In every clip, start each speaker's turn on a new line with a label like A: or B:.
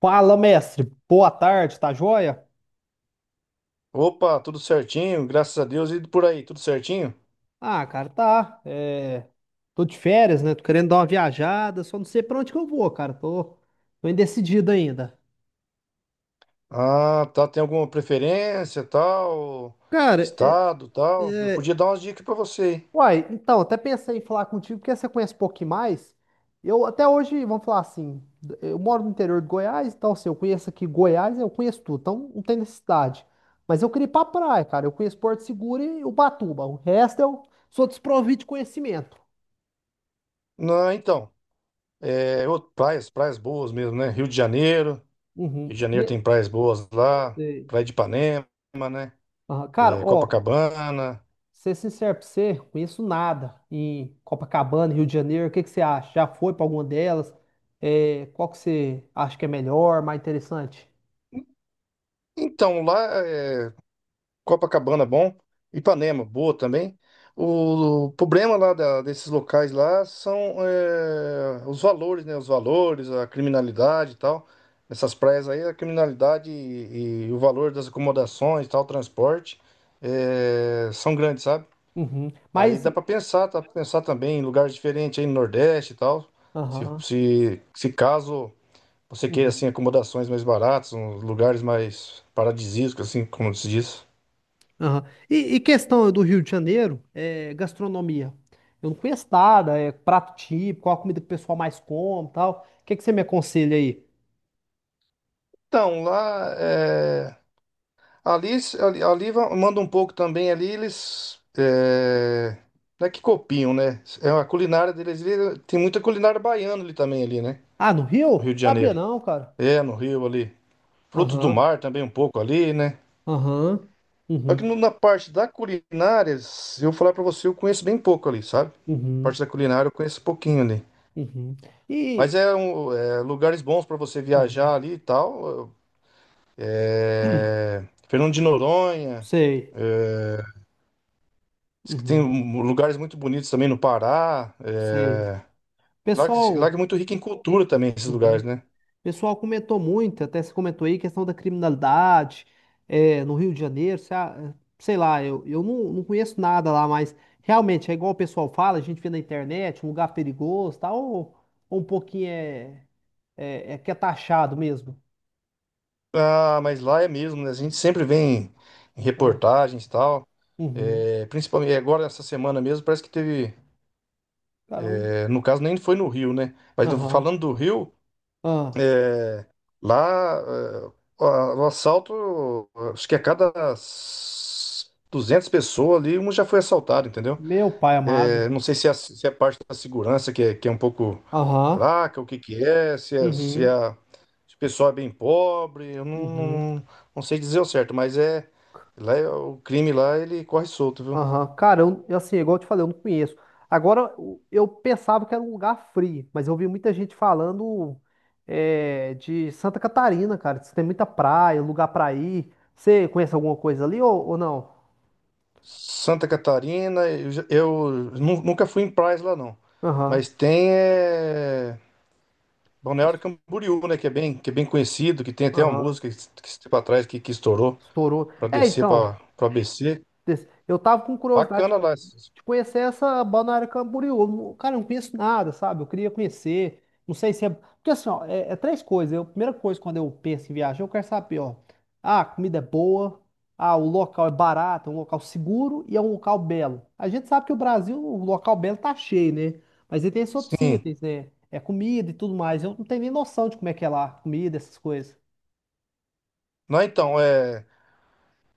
A: Fala, mestre. Boa tarde, tá joia?
B: Opa, tudo certinho, graças a Deus. E por aí, tudo certinho?
A: Ah, cara, tá. Tô de férias, né? Tô querendo dar uma viajada, só não sei pra onde que eu vou, cara. Tô indecidido ainda.
B: Ah, tá. Tem alguma preferência, tal,
A: Cara,
B: estado, tal? Eu
A: é,
B: podia dar umas dicas pra você, hein?
A: então, até pensei em falar contigo, porque você conhece um pouquinho mais. Eu até hoje, vamos falar assim, eu moro no interior de Goiás, então, assim, eu conheço aqui Goiás, eu conheço tudo, então não tem necessidade. Mas eu queria ir pra praia, cara. Eu conheço Porto Seguro e Ubatuba. O resto eu sou desprovido de conhecimento.
B: Não, então, ô, praias boas mesmo, né? Rio de
A: Uhum.
B: Janeiro tem praias boas lá,
A: Sei.
B: Praia de Ipanema, né?
A: Aham. Cara,
B: É,
A: ó,
B: Copacabana.
A: ser sincero pra você, conheço nada em Copacabana, Rio de Janeiro. O que que você acha? Já foi pra alguma delas? É, qual que você acha que é melhor, mais interessante?
B: Então, lá, é, Copacabana, bom. Ipanema, boa também. O problema desses locais lá são os valores, né? Os valores, a criminalidade e tal. Essas praias aí, a criminalidade e o valor das acomodações e tal, transporte, é, são grandes, sabe?
A: Uhum.
B: Aí
A: Mas,
B: dá pra pensar também em lugares diferentes aí no Nordeste e tal. Se,
A: aham,
B: se, se caso você queira, assim,
A: uhum,
B: acomodações mais baratas, uns lugares mais paradisíacos, assim, como se diz.
A: aham. E questão do Rio de Janeiro, é, gastronomia. Eu não conheço nada, é prato típico, qual a comida que o pessoal mais come, e tal. O que que você me aconselha aí?
B: Então, lá, ali, se- ali, manda um pouco também, ali eles, é, não é que copiam, né? É a culinária deles, ali, tem muita culinária baiana ali também, ali, né?
A: Ah, no
B: No Rio
A: Rio?
B: de
A: Sabia
B: Janeiro.
A: não, cara.
B: É, no Rio ali. Frutos do
A: Aham,
B: mar também um pouco ali, né?
A: aham,
B: Só que
A: uhum,
B: na parte da culinária, se eu falar pra você, eu conheço bem pouco ali, sabe?
A: uhum.
B: Parte da culinária eu conheço pouquinho ali.
A: Uhum. E
B: Mas é, é, lugares bons pra você
A: uhum.
B: viajar ali e tal. É, Fernando de Noronha,
A: Sei,
B: é, diz que tem
A: uhum.
B: um, lugares muito bonitos também no Pará. É,
A: Sei.
B: lá, lá que é
A: Pessoal,
B: muito rico em cultura também, esses lugares,
A: uhum.
B: né?
A: Pessoal comentou muito, até você comentou aí, questão da criminalidade é, no Rio de Janeiro, se a- eh, sei lá, eu não, não conheço nada lá, mas realmente é igual o pessoal fala, a gente vê na internet, um lugar perigoso, tal, ou um pouquinho é, é, é que é taxado mesmo.
B: Ah, mas lá é mesmo, né? A gente sempre vem em
A: Ah,
B: reportagens e tal.
A: uhum.
B: É, principalmente é, agora, essa semana mesmo, parece que teve.
A: Caramba.
B: É, no caso, nem foi no Rio, né? Mas
A: Aham.
B: falando do Rio,
A: Ah,
B: é, lá é, o o assalto, acho que a cada 200 pessoas ali, um já foi assaltado, entendeu?
A: meu pai
B: É,
A: amado.
B: não sei se é, se é a parte da segurança que é um pouco
A: Aham.
B: fraca, o que que é, se, é, se, é
A: Uhum.
B: a, se o pessoal é bem pobre, eu não,
A: Uhum.
B: não, não sei dizer o certo, mas é, o crime lá ele corre solto, viu?
A: Aham, cara, eu, assim, igual eu te falei, eu não conheço. Agora, eu pensava que era um lugar frio, mas eu vi muita gente falando é, de Santa Catarina, cara. Diz que tem muita praia, lugar pra ir. Você conhece alguma coisa ali ou não?
B: Santa Catarina, eu, eu nunca fui em praias lá não,
A: Aham.
B: mas tem é, Balneário
A: Isso.
B: Camboriú, né, que é bem conhecido, que tem até uma
A: Aham.
B: música que esse tempo atrás que estourou
A: Estourou.
B: para
A: É,
B: descer para
A: então,
B: o ABC,
A: eu tava com curiosidade
B: bacana lá,
A: de conhecer essa Balneário Camboriú. Cara, eu não conheço nada, sabe? Eu queria conhecer. Não sei se é. Porque assim, ó, é três coisas. A primeira coisa quando eu penso em viagem, eu quero saber, ó. Ah, a comida é boa. Ah, o local é barato, é um local seguro e é um local belo. A gente sabe que o Brasil, o local belo tá cheio, né? Mas aí tem esses outros
B: sim.
A: itens, né? É comida e tudo mais. Eu não tenho nem noção de como é que é lá, comida, essas coisas.
B: Não, então, é,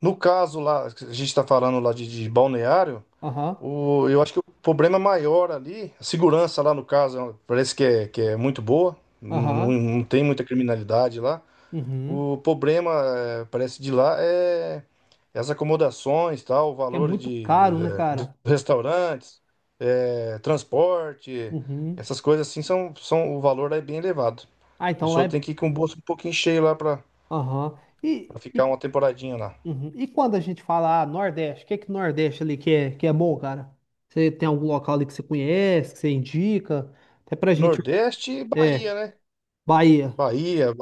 B: no caso lá, a gente está falando lá de balneário,
A: Aham,
B: o, eu acho que o problema maior ali, a segurança lá no caso, parece que é muito boa, não,
A: aham,
B: não tem muita criminalidade lá.
A: uhum.
B: O problema, eh, parece de lá, é as acomodações, tal, o
A: Porque é
B: valor
A: muito
B: de,
A: caro, né,
B: eh, dos
A: cara?
B: restaurantes, eh, transporte,
A: Uhum.
B: essas coisas assim, são, são, o valor é bem elevado.
A: Ah,
B: A
A: então lá é
B: pessoa tem que ir com o bolso um pouquinho cheio lá para
A: aham. E, e,
B: ficar uma temporadinha lá.
A: uhum. E quando a gente fala ah, Nordeste, o que que Nordeste ali que é bom, cara? Você tem algum local ali que você conhece, que você indica? Até pra gente.
B: Nordeste e
A: É,
B: Bahia, né?
A: Bahia.
B: Bahia,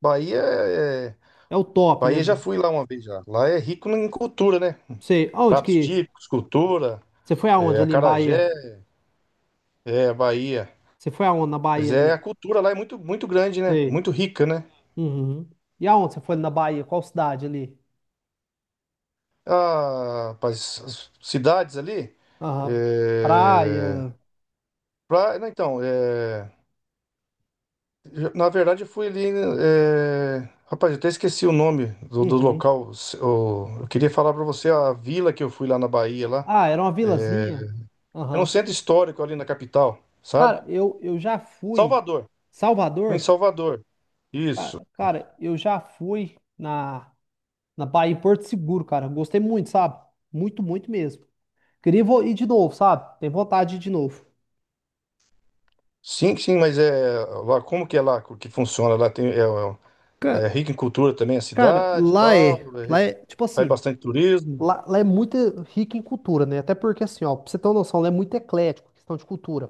B: Bahia é...
A: É o top, né?
B: Bahia já fui lá uma vez já. Lá é rico em cultura, né?
A: Sei. Aonde
B: Pratos
A: que.
B: típicos, cultura,
A: Você foi aonde
B: é,
A: ali em Bahia?
B: acarajé, é Bahia.
A: Você foi aonde na
B: Mas
A: Bahia
B: é a
A: ali?
B: cultura lá é muito muito grande, né?
A: Sei.
B: Muito rica, né?
A: Uhum. E aonde você foi na Bahia? Qual cidade ali?
B: Ah, rapaz, as cidades ali
A: Aham.
B: é...
A: Praia.
B: não, então, é... na verdade eu fui ali é... Rapaz, eu até esqueci o nome do, do
A: Uhum.
B: local. Eu queria falar pra você a vila que eu fui lá na Bahia lá.
A: Ah, era uma
B: É,
A: vilazinha.
B: é um
A: Aham.
B: centro histórico ali na capital, sabe?
A: Cara, eu já fui.
B: Salvador. Fui em
A: Salvador.
B: Salvador.
A: Ah,
B: Isso.
A: cara, eu já fui na, na Bahia em Porto Seguro, cara. Gostei muito, sabe? Muito, muito mesmo. Queria ir de novo, sabe? Tem vontade de ir de novo.
B: Sim, sim, mas é lá como que é lá que funciona? Lá tem é
A: Cara,
B: rica em cultura também a
A: cara,
B: cidade, e tal. É,
A: tipo
B: faz
A: assim,
B: bastante turismo.
A: lá é muito rica em cultura, né? Até porque, assim, ó, pra você ter uma noção, lá é muito eclético, questão de cultura.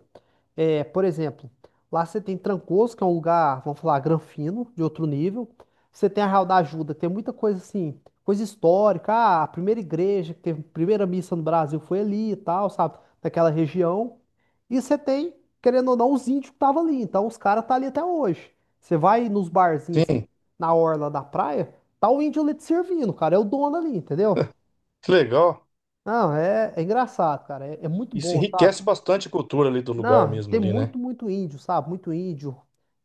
A: É, por exemplo, lá você tem Trancoso, que é um lugar, vamos falar, granfino, de outro nível. Você tem a Real da Ajuda, que tem muita coisa, assim, coisa histórica. Ah, a primeira igreja, que teve a primeira missa no Brasil foi ali e tal, sabe? Naquela região. E você tem, querendo ou não, os índios que estavam ali. Então, os caras tá ali até hoje. Você vai nos barzinhos, assim,
B: Sim,
A: na orla da praia, tá o índio ali te servindo, cara. É o dono ali, entendeu?
B: que legal.
A: Não, é engraçado, cara. É, é muito
B: Isso
A: bom, sabe?
B: enriquece bastante a cultura ali do lugar
A: Não, tem
B: mesmo ali,
A: muito,
B: né?
A: muito índio, sabe? Muito índio.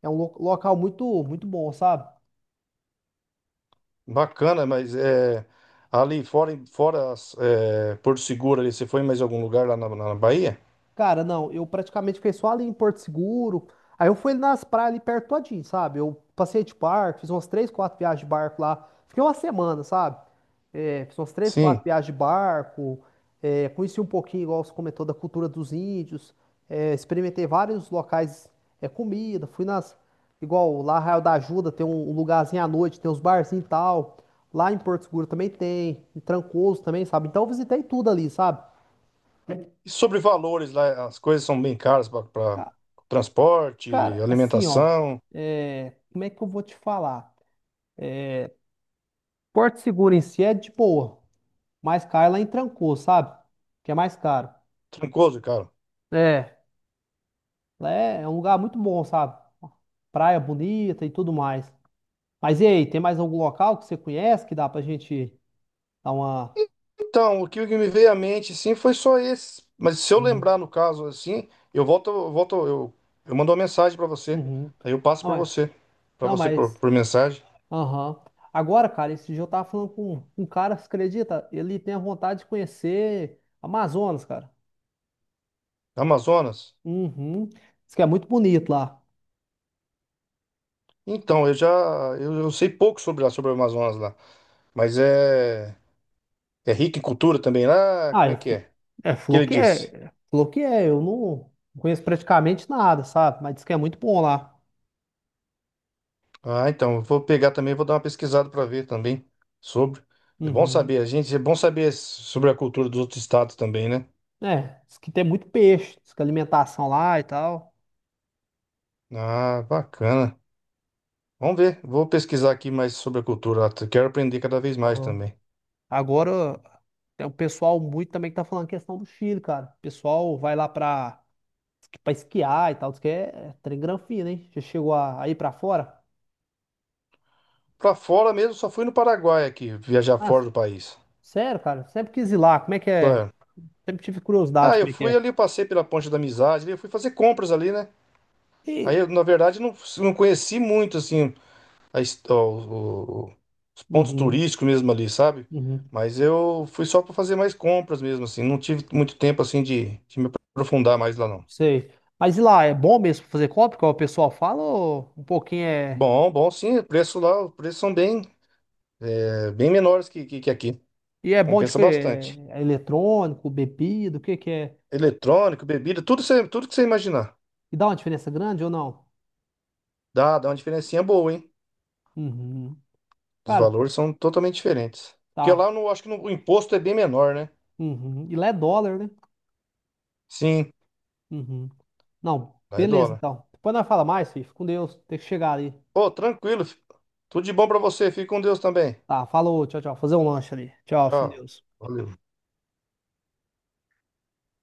A: É um local muito, muito bom, sabe?
B: Bacana, mas é ali fora as, é, Porto Seguro ali, você foi em mais algum lugar lá na Bahia?
A: Cara, não, eu praticamente fiquei só ali em Porto Seguro. Aí eu fui nas praias ali perto todinho, sabe? Eu passei de barco, fiz umas três, quatro viagens de barco lá. Fiquei uma semana, sabe? É, fiz umas três, quatro
B: Sim.
A: viagens de barco. É, conheci um pouquinho, igual você comentou, da cultura dos índios. É, experimentei vários locais, é, comida. Fui nas, igual lá Arraial da Ajuda, tem um lugarzinho à noite, tem uns barzinhos e tal. Lá em Porto Seguro também tem, em Trancoso também, sabe? Então eu visitei tudo ali, sabe?
B: E sobre valores lá, as coisas são bem caras para transporte,
A: Cara, assim, ó,
B: alimentação,
A: é, como é que eu vou te falar? Porto Seguro em si é de boa, mas caro é lá em Trancoso, sabe? Que é mais caro.
B: Trancoso, cara.
A: É, é um lugar muito bom, sabe? Praia bonita e tudo mais. Mas e aí, tem mais algum local que você conhece que dá pra gente dar uma.
B: Então, o que me veio à mente, sim, foi só esse. Mas se eu
A: Uhum,
B: lembrar, no caso, assim, eu volto, eu volto, eu, eu mando uma mensagem para você.
A: uhum.
B: Aí eu passo
A: Não
B: para
A: é?
B: você,
A: Não, mas.
B: por mensagem.
A: Aham. Agora, cara, esse dia eu tava falando com um cara, você acredita? Ele tem a vontade de conhecer Amazonas, cara.
B: Amazonas.
A: Uhum. Diz que é muito bonito lá.
B: Então, eu sei pouco sobre lá, sobre o Amazonas lá, mas é, é rico em cultura também lá.
A: Ah,
B: Como é que é? O que ele disse?
A: falou que é, eu não conheço praticamente nada, sabe? Mas diz que é muito bom lá.
B: Ah, então, eu vou pegar também, vou dar uma pesquisada para ver também sobre. É bom
A: Uhum.
B: saber, é bom saber sobre a cultura dos outros estados também, né?
A: É, diz que tem muito peixe, diz que a alimentação lá e tal.
B: Ah, bacana. Vamos ver, vou pesquisar aqui mais sobre a cultura, lá, quero aprender cada vez mais
A: Aham.
B: também.
A: Agora, tem um pessoal muito também que tá falando questão do Chile, cara. O pessoal vai lá pra esquiar e tal, diz que é, é trem granfino, hein? Já chegou a ir pra fora?
B: Pra fora mesmo, só fui no Paraguai aqui, viajar
A: Mas,
B: fora do país.
A: sério, cara, sempre quis ir lá, como é que
B: Só
A: é?
B: é.
A: Sempre tive curiosidade
B: Ah, eu
A: como é que
B: fui
A: é.
B: ali, eu passei pela Ponte da Amizade, ali, eu fui fazer compras ali, né? Aí,
A: E...
B: eu, na verdade, não conheci muito, assim, ó, o- os pontos
A: Uhum,
B: turísticos mesmo ali, sabe?
A: uhum.
B: Mas eu fui só para fazer mais compras mesmo, assim. Não tive muito tempo, assim, de me aprofundar mais lá, não.
A: Sei. Mas e lá, é bom mesmo fazer compra, como o pessoal fala, ou um pouquinho é.
B: Bom, bom, sim. O preço lá, os preços são bem, é, bem menores que aqui.
A: E é bom de
B: Compensa
A: quê?
B: bastante.
A: É eletrônico, bebida, o que que é?
B: Eletrônico, bebida, tudo, tudo que você imaginar.
A: E dá uma diferença grande ou não?
B: Dá uma diferencinha boa, hein?
A: Uhum.
B: Os
A: Cara,
B: valores são totalmente diferentes. Porque
A: tá.
B: lá, eu não, acho que o imposto é bem menor, né?
A: Uhum. E lá é dólar, né?
B: Sim,
A: Uhum. Não,
B: lá é
A: beleza
B: dólar.
A: então. Depois nós fala mais, filho. Fica com Deus. Tem que chegar ali.
B: Ô, tranquilo, fi. Tudo de bom para você. Fique com Deus também.
A: Tá, falou, tchau, tchau. Fazer um lanche ali. Tchau, fica com
B: Tchau.
A: Deus.
B: Valeu.